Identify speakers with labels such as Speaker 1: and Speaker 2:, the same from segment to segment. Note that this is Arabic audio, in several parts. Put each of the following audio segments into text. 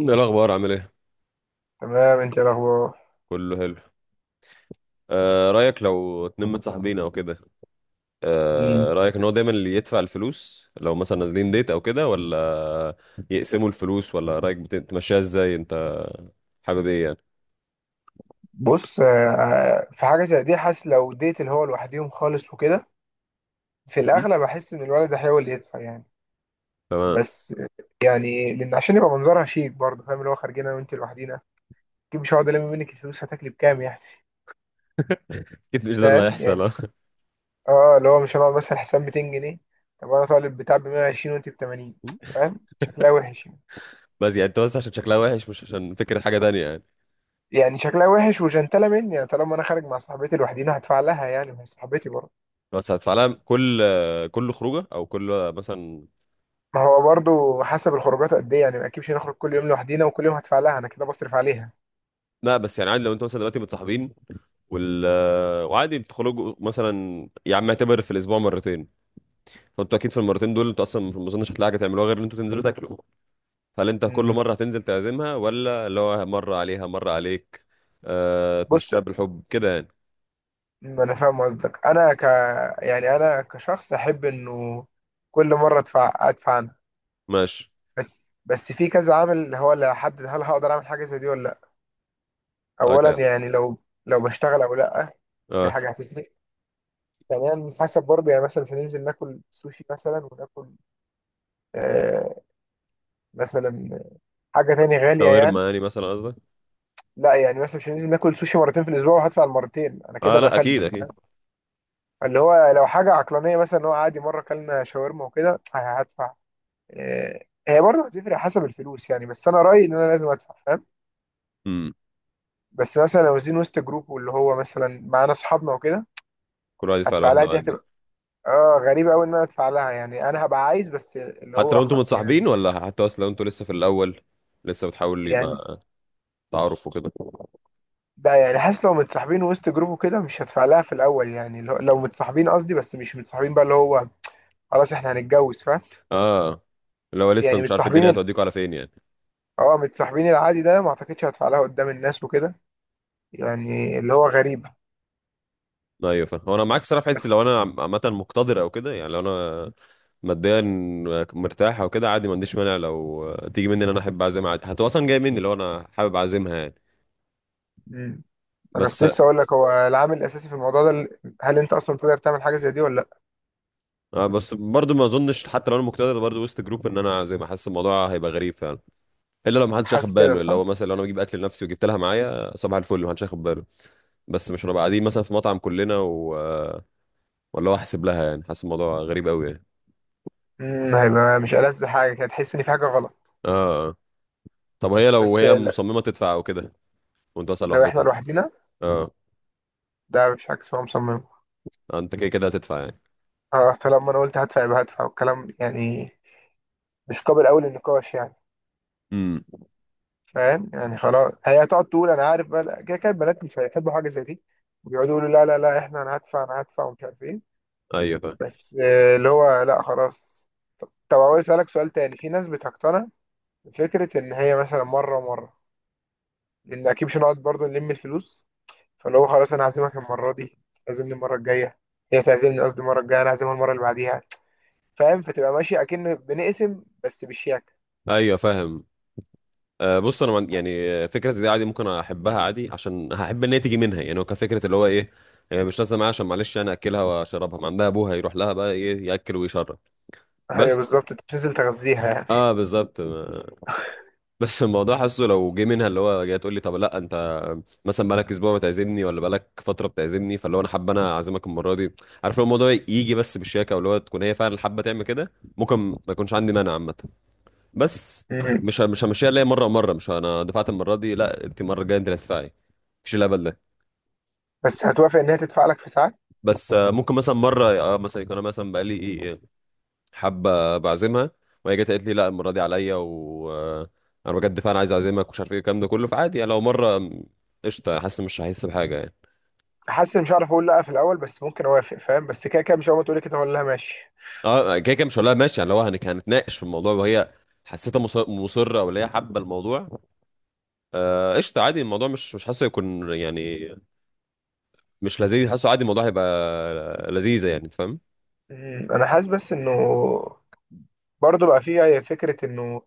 Speaker 1: ايه الاخبار عامل ايه؟
Speaker 2: تمام، انت ايه الاخبار؟
Speaker 1: كله حلو. آه، رايك لو اتنين متصاحبين او كده؟
Speaker 2: امم
Speaker 1: آه، رايك ان هو دايما اللي يدفع الفلوس لو مثلا نازلين ديت او كده، ولا يقسموا الفلوس؟ ولا رايك تمشيها ازاي انت؟ حابب ايه يعني؟
Speaker 2: بص. في حاجه زي دي، حاسس لو ديت اللي هو لوحديهم خالص وكده، في
Speaker 1: مم.
Speaker 2: الاغلب احس ان الولد هيحاول يدفع يعني.
Speaker 1: تمام.
Speaker 2: بس، يعني لان عشان يبقى منظرها شيك برضه، فاهم؟ اللي هو خارجين انا وانت لوحدينا، اكيد مش هقعد الم منك الفلوس، هتاكلي بكام يعني؟
Speaker 1: اكيد مش ده اللي
Speaker 2: فاهم
Speaker 1: هيحصل،
Speaker 2: يعني.
Speaker 1: آه.
Speaker 2: اه، اللي هو مش هنقعد مثلا حساب 200 جنيه، طب انا طالب بتاع ب 120 وانت ب 80، فاهم؟ شكلها وحش يعني.
Speaker 1: بس يعني انت بس عشان شكلها وحش، مش عشان فكره حاجه تانية يعني؟
Speaker 2: يعني شكلها وحش وجنتله مني، يعني طالما انا خارج مع صاحبتي لوحدينا هدفع لها، يعني ما هي صاحبتي برضه.
Speaker 1: بس هتدفع لها كل كل خروجه، او كل مثلا؟
Speaker 2: ما هو برضو حسب الخروجات قد ايه يعني، ما اكيدش نخرج كل يوم لوحدينا وكل يوم هدفع لها، انا كده بصرف عليها.
Speaker 1: لا، بس يعني عادي لو انتوا مثلا دلوقتي متصاحبين، وال آه، وعادي بتخرجوا مثلا، يا عم اعتبر في الاسبوع مرتين، فانتوا اكيد في المرتين دول انتوا اصلا ما اظنش هتلاقي حاجه تعملوها غير ان انتوا تنزلوا تاكلوا. هل انت كل
Speaker 2: امم
Speaker 1: مره هتنزل تعزمها، ولا اللي هو مره عليها مره عليك؟ آه،
Speaker 2: بص،
Speaker 1: تمشيها بالحب كده يعني.
Speaker 2: ما انا فاهم قصدك، انا ك يعني انا كشخص احب انه كل مره ادفع، ادفع انا.
Speaker 1: ماشي.
Speaker 2: بس في كذا عامل هو اللي هيحدد هل هقدر اعمل حاجه زي دي ولا لا. اولا
Speaker 1: اوكي.
Speaker 2: يعني، لو بشتغل او لا، دي
Speaker 1: اه.
Speaker 2: حاجه هتفرق. ثانيا، حسب برضه، يعني مثلا مش هننزل ناكل سوشي مثلا، وناكل آه مثلا حاجه تاني غاليه يعني.
Speaker 1: شاورما يعني مثلا قصدك؟
Speaker 2: لا يعني مثلا مش لازم اكل سوشي مرتين في الاسبوع، وهدفع المرتين انا، كده
Speaker 1: اه لا اكيد
Speaker 2: بفلس،
Speaker 1: اكيد.
Speaker 2: فاهم؟ فاللي هو لو حاجه عقلانيه، مثلا اللي هو عادي مره اكلنا شاورما وكده هدفع. هي برضه هتفرق حسب الفلوس يعني، بس انا رايي ان انا لازم ادفع، فاهم؟
Speaker 1: امم.
Speaker 2: بس مثلا لو زين وسط جروب، واللي هو مثلا معانا اصحابنا وكده،
Speaker 1: كل واحد يدفع
Speaker 2: هدفع لها
Speaker 1: لوحده
Speaker 2: دي
Speaker 1: عادي.
Speaker 2: هتبقى اه غريبه قوي ان انا ادفع لها. يعني انا هبقى عايز، بس اللي
Speaker 1: حتى
Speaker 2: هو
Speaker 1: لو انتوا
Speaker 2: يعني،
Speaker 1: متصاحبين، ولا حتى اصلا لو انتوا لسه في الاول، لسه بتحاول
Speaker 2: يعني
Speaker 1: يبقى تعارف وكده؟
Speaker 2: ده يعني حاسس لو متصاحبين وسط جروب وكده مش هدفع لها في الاول. يعني لو متصاحبين قصدي، بس مش متصاحبين بقى اللي هو خلاص احنا هنتجوز، فاهم؟
Speaker 1: اه. اللي هو لسه
Speaker 2: يعني
Speaker 1: مش عارف الدنيا
Speaker 2: متصاحبين
Speaker 1: هتوديكوا على فين يعني.
Speaker 2: اه، متصاحبين العادي ده ما اعتقدش هدفع لها قدام الناس وكده، يعني اللي هو غريب.
Speaker 1: ايوه فاهم. هو انا معاك صراحه في حته،
Speaker 2: بس.
Speaker 1: لو انا عامه مقتدر او كده، يعني لو انا ماديا مرتاح او كده، عادي ما عنديش مانع لو تيجي مني ان انا احب اعزمها، عادي هتبقى اصلا جايه مني لو انا حابب اعزمها يعني.
Speaker 2: مم. انا
Speaker 1: بس.
Speaker 2: كنت لسه اقول لك، هو العامل الاساسي في الموضوع ده هل انت اصلا تقدر تعمل حاجه زي دي ولا لا.
Speaker 1: بس برضو ما اظنش حتى لو انا مقتدر، برضو وسط جروب ان انا اعزمها، حاسس الموضوع هيبقى غريب فعلا. الا لو ما حدش
Speaker 2: حاسس
Speaker 1: اخد
Speaker 2: كده
Speaker 1: باله، اللي
Speaker 2: صح.
Speaker 1: هو مثلا لو انا بجيب اكل لنفسي وجبت لها معايا، صباح الفل ما حدش اخد باله. بس مش هنبقى قاعدين مثلا في مطعم كلنا و... آه، ولا هو احسب لها يعني، حاسس الموضوع غريب قوي يعني.
Speaker 2: هيبقى مش ألذ حاجه كده، تحس ان في حاجه غلط.
Speaker 1: اه. آه. طب هي لو
Speaker 2: بس
Speaker 1: هي
Speaker 2: لا،
Speaker 1: مصممه تدفع او كده، وانتوا اصلا
Speaker 2: لو احنا
Speaker 1: لوحدكم؟
Speaker 2: لوحدينا،
Speaker 1: اه.
Speaker 2: ده مش عكس هو مصمم.
Speaker 1: آه، انت كده كده هتدفع يعني.
Speaker 2: اه، طالما انا قلت هدفع يبقى هدفع والكلام يعني، مش قابل اول النقاش يعني.
Speaker 1: امم.
Speaker 2: فاهم يعني؟ خلاص، هي هتقعد تقول انا عارف بقى، لا، كده كده البنات مش هيحبوا حاجه زي دي، ويقعدوا يقولوا لا لا لا احنا، انا هدفع انا هدفع ومش عارف ايه.
Speaker 1: ايوه فاهم.
Speaker 2: بس اللي هو لا خلاص. طب عاوز اسالك سؤال تاني، في ناس بتقتنع بفكره ان هي مثلا مره ومره، لان اكيد مش هنقعد برضه نلم الفلوس. فاللي هو خلاص انا هعزمك المره دي، تعزمني المره الجايه، هي تعزمني قصدي المره الجايه انا هعزمها المره اللي بعديها، فاهم؟ فتبقى ماشي اكن بنقسم بس بالشياكه.
Speaker 1: ايوه فاهم. آه بص، انا يعني فكره زي دي عادي ممكن احبها، عادي عشان هحب ان هي تيجي منها يعني، هو كفكره اللي هو ايه، مش لازم معايا عشان معلش انا اكلها واشربها، ما عندها ابوها يروح لها بقى ايه ياكل ويشرب.
Speaker 2: ايوه
Speaker 1: بس.
Speaker 2: بالظبط، انت بتنزل تغذيها يعني.
Speaker 1: اه بالظبط بس الموضوع، حاسه لو جه منها اللي هو جاي تقول لي طب لا انت مثلا بقالك اسبوع بتعزمني، ولا بقالك فتره بتعزمني، فاللي هو انا حابه انا اعزمك المره دي. عارف لو الموضوع يجي بس بالشياكه، واللي هو تكون هي فعلا حابه تعمل كده، ممكن ما يكونش عندي مانع عامه. بس
Speaker 2: مم.
Speaker 1: مش همشيها ليا مره مره، مش انا دفعت المره دي لا انت المره الجايه انت اللي هتدفعي، مفيش الهبل ده.
Speaker 2: بس هتوافق ان هي تدفع لك في ساعات.
Speaker 1: بس آه، ممكن مثلا مره، مثلا يكون انا مثلا بقالي ايه حابه بعزمها، وهي جت قالت لي لا المره دي عليا، و آه، انا بجد فعلا عايز اعزمك ومش عارف ايه الكلام ده كله، فعادي يعني لو مره قشطه، حاسس مش هحس بحاجه يعني.
Speaker 2: حاسس إن مش هعرف اقول لا في الاول، بس ممكن اوافق، فاهم؟ بس كده كده مش اول ما تقولي كده اقول لها ماشي.
Speaker 1: اه كده كده مش هقول لها ماشي يعني، لو هنتناقش في الموضوع وهي حسيتها مصره، ولا هي حابه الموضوع، قشطه عادي، الموضوع مش مش حاسه يكون يعني مش لذيذ، حاسه عادي الموضوع هيبقى لذيذة يعني، انت فاهم.
Speaker 2: انا حاسس بس انه برضه بقى فيها فكره انه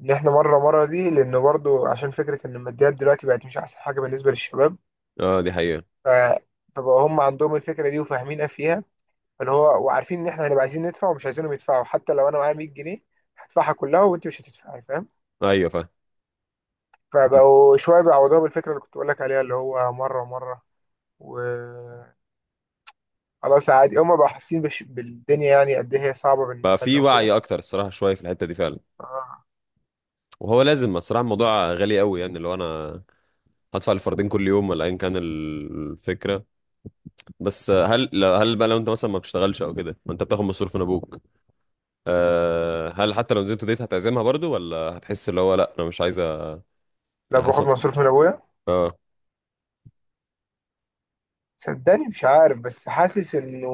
Speaker 2: ان احنا مره مره دي، لانه برضه عشان فكره ان الماديات دلوقتي بقت مش احسن حاجه بالنسبه للشباب.
Speaker 1: اه دي حقيقة.
Speaker 2: ف فبقى هم عندهم الفكره دي وفاهمينها فيها، اللي هو وعارفين ان احنا هنبقى عايزين ندفع ومش عايزينهم يدفعوا، حتى لو انا معايا 100 جنيه هدفعها كلها وانت مش هتدفعي، فاهم؟
Speaker 1: ايوه فاهم.
Speaker 2: فبقوا شويه بيعوضوها بالفكره اللي كنت بقول لك عليها، اللي هو مره مره، و خلاص عادي، هما بقوا حاسين بالدنيا يعني قد ايه هي صعبة
Speaker 1: بقى
Speaker 2: بالنسبة لنا
Speaker 1: في
Speaker 2: وكده.
Speaker 1: وعي اكتر الصراحة شوية في الحتة دي فعلا.
Speaker 2: آه.
Speaker 1: وهو لازم الصراحة الموضوع غالي قوي يعني، لو انا هدفع الفردين كل يوم، ولا ايا كان الفكرة. بس هل بقى لو انت مثلا ما بتشتغلش او كده، وانت بتاخد مصروف من ابوك، أه هل حتى لو نزلت ديت هتعزمها برضو، ولا هتحس اللي هو لا انا مش عايزة
Speaker 2: لو
Speaker 1: يعني،
Speaker 2: باخد
Speaker 1: حاسس.
Speaker 2: مصروف من ابويا،
Speaker 1: اه.
Speaker 2: صدقني مش عارف، بس حاسس انه،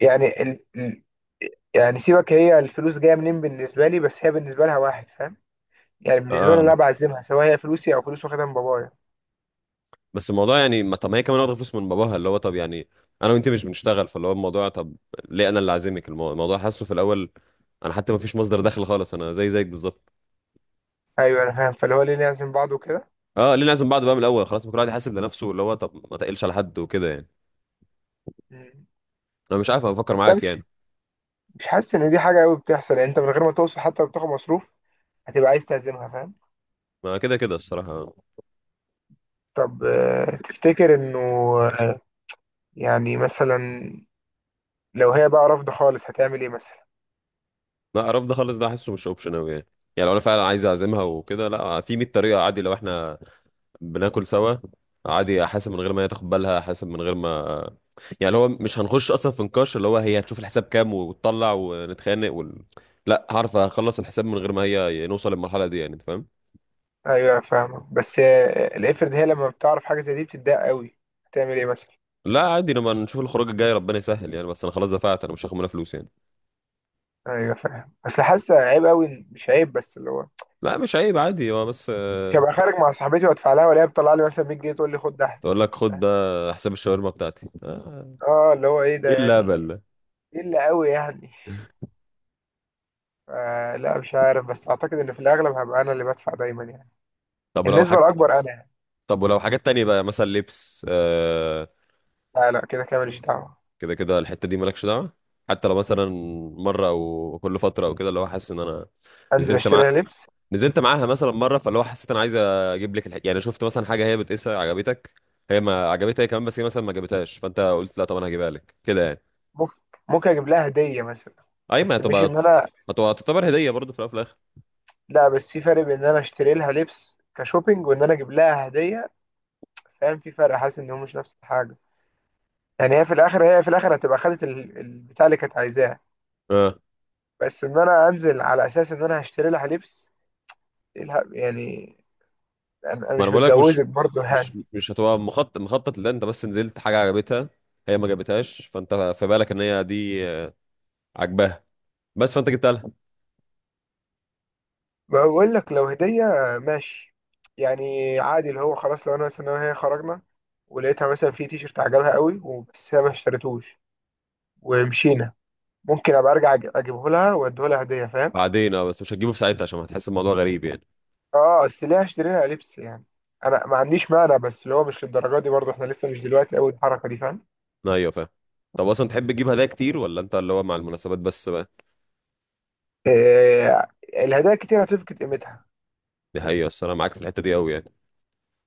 Speaker 2: يعني ال... ال... يعني سيبك هي الفلوس جاية منين بالنسبة لي، بس هي بالنسبة لها واحد، فاهم؟ يعني بالنسبة لي
Speaker 1: اه
Speaker 2: انا بعزمها، سواء هي فلوسي او فلوس واخدها من بابايا.
Speaker 1: بس الموضوع يعني ما، طب ما هي كمان واخده فلوس من باباها، اللي هو طب يعني انا وانت مش بنشتغل، فاللي هو الموضوع، طب ليه انا اللي عازمك الموضوع حاسه في الاول انا حتى ما فيش مصدر دخل خالص، انا زي زيك بالظبط.
Speaker 2: ايوه انا فاهم، فاللي هو ليه نعزم بعض وكده.
Speaker 1: اه ليه نعزم بعض بقى من الاول، خلاص ما كل واحد يحاسب لنفسه، اللي هو طب ما تقلش على حد وكده يعني.
Speaker 2: مم.
Speaker 1: انا مش عارف انا بفكر
Speaker 2: بس انا
Speaker 1: معاك
Speaker 2: مش
Speaker 1: يعني.
Speaker 2: مش حاسس ان دي حاجة قوي بتحصل، يعني انت من غير ما توصل حتى لو بتاخد مصروف، هتبقى عايز تعزمها، فاهم؟
Speaker 1: ما كده كده الصراحه.
Speaker 2: طب تفتكر انه يعني مثلا لو هي بقى رافضة خالص هتعمل ايه مثلا؟
Speaker 1: لا رفض خالص ده حاسه مش اوبشن قوي يعني، يعني لو انا فعلا عايز اعزمها وكده، لا في 100 طريقه، عادي لو احنا بناكل سوا، عادي حاسب من غير ما هي تاخد بالها، حاسب من غير ما يعني اللي هو مش هنخش اصلا في نقاش، اللي هو هي هتشوف الحساب كام وتطلع ونتخانق لا هعرف اخلص الحساب من غير ما هي نوصل للمرحله دي يعني، انت فاهم.
Speaker 2: ايوه فاهمة، بس افرض هي لما بتعرف حاجة زي دي بتتضايق قوي، هتعمل ايه مثلا؟
Speaker 1: لا عادي لما نشوف الخروج الجاي ربنا يسهل يعني، بس انا خلاص دفعت، انا مش هاخد منها فلوس يعني.
Speaker 2: ايوه فاهم، اصل حاسة عيب قوي مش عيب بس اللي هو
Speaker 1: لا مش عيب، عادي هو بس،
Speaker 2: مش هبقى خارج مع صاحبتي وادفع لها، ولا هي بتطلع لي مثلا 100 جنيه تقول لي خد ده.
Speaker 1: تقول لك خد ده، حساب الشاورما بتاعتي،
Speaker 2: اه، اللي هو ايه
Speaker 1: ايه
Speaker 2: ده
Speaker 1: الهبل
Speaker 2: يعني؟
Speaker 1: ده!
Speaker 2: ايه اللي قوي يعني؟ لا مش عارف، بس اعتقد ان في الاغلب هبقى انا اللي بدفع دايما يعني،
Speaker 1: طب لو
Speaker 2: النسبة
Speaker 1: حاجه،
Speaker 2: الاكبر انا يعني.
Speaker 1: طب ولو حاجات تانية بقى مثلا لبس،
Speaker 2: لا لا، كده كده ماليش دعوة.
Speaker 1: كده كده الحتة دي مالكش دعوة. حتى لو مثلا مرة أو كل فترة أو كده، اللي هو حاسس إن أنا
Speaker 2: انزل
Speaker 1: نزلت
Speaker 2: اشتري
Speaker 1: مع
Speaker 2: لها لبس؟
Speaker 1: نزلت معاها مثلا مرة، فاللي هو حسيت أنا عايز أجيب لك يعني شفت مثلا حاجة هي بتقيسها عجبتك، هي ما عجبتها هي كمان، بس هي مثلا ما جابتهاش، فأنت قلت لا طب أنا هجيبها لك كده يعني.
Speaker 2: ممكن ممكن اجيب لها هدية مثلا،
Speaker 1: أي ما
Speaker 2: بس مش
Speaker 1: هتبقى،
Speaker 2: ان انا.
Speaker 1: هتبقى تعتبر هدية برضه في الأول وفي الآخر.
Speaker 2: لا، بس في فرق بين ان انا اشتري لها لبس كشوبينج، وان انا اجيب لها هديه، فاهم؟ في فرق، حاسس ان هو مش نفس الحاجه. يعني هي في الاخر هتبقى خدت البتاع اللي كانت عايزاه،
Speaker 1: أه
Speaker 2: بس ان انا انزل على اساس ان انا هشتري لها لبس، إيه يعني، انا
Speaker 1: ما أنا
Speaker 2: مش
Speaker 1: بقول لك مش،
Speaker 2: متجوزك برضه يعني.
Speaker 1: مش هتبقى مخطط لده، أنت بس نزلت حاجة عجبتها، هي ما جابتهاش، فأنت في بالك إن هي دي عاجباها، بس فأنت جبتها لها.
Speaker 2: بقول لك لو هديه ماشي، يعني عادي اللي هو خلاص لو انا مثلا أنا وهي خرجنا، ولقيتها مثلا في تيشرت عجبها قوي، وبس هي ما اشتريتوش ومشينا، ممكن ابقى ارجع اجيبه لها واديه لها هديه، فاهم؟
Speaker 1: بعدين اه، بس مش هتجيبه في ساعتها عشان هتحس الموضوع غريب يعني.
Speaker 2: اه اصل ليه هشتري لها لبس يعني، انا ما عنديش مانع، بس اللي هو مش للدرجه دي برضه، احنا لسه مش دلوقتي قوي الحركه دي، فاهم؟
Speaker 1: ايوه فاهم. طب اصلا تحب تجيب هدايا كتير، ولا انت اللي هو مع المناسبات بس بقى؟
Speaker 2: آه. الهدايا كتير هتفقد قيمتها.
Speaker 1: دي حقيقة، بس انا معاك في الحتة دي قوي يعني.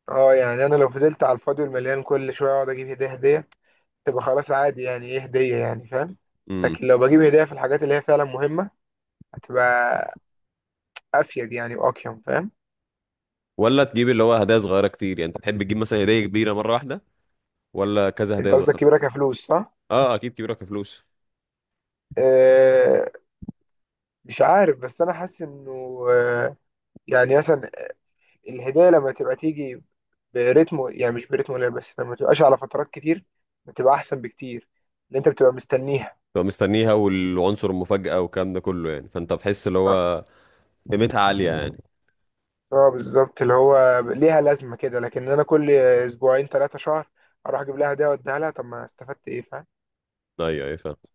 Speaker 2: اه يعني انا لو فضلت على الفاضي والمليان كل شويه اقعد اجيب هديه هديه، تبقى خلاص عادي، يعني ايه هديه يعني، فاهم؟
Speaker 1: امم.
Speaker 2: لكن لو بجيب هديه في الحاجات اللي هي فعلا مهمه، هتبقى افيد يعني، واقيم، فاهم؟
Speaker 1: ولا تجيب اللي هو هدايا صغيرة كتير، يعني انت تحب تجيب مثلا هدية كبيرة مرة واحدة، ولا كذا
Speaker 2: انت
Speaker 1: هدايا
Speaker 2: قصدك
Speaker 1: صغيرة؟
Speaker 2: كبيره كفلوس صح؟
Speaker 1: اه اكيد كبيرة كفلوس.
Speaker 2: آه. مش عارف، بس انا حاسس انه يعني مثلا الهدايا لما تبقى تيجي برتمه، يعني مش برتمه قليل، بس لما تبقاش على فترات كتير، بتبقى احسن بكتير، اللي انت بتبقى مستنيها.
Speaker 1: تبقى مستنيها، والعنصر المفاجأة والكلام ده كله يعني، فانت بتحس اللي
Speaker 2: اه،
Speaker 1: هو قيمتها عالية يعني.
Speaker 2: بالظبط، اللي هو ليها لازمه كده، لكن انا كل اسبوعين 3 شهر اروح اجيب لها ده واديها لها، طب ما استفدت ايه، فاهم؟
Speaker 1: ايوه ايوه فاهم.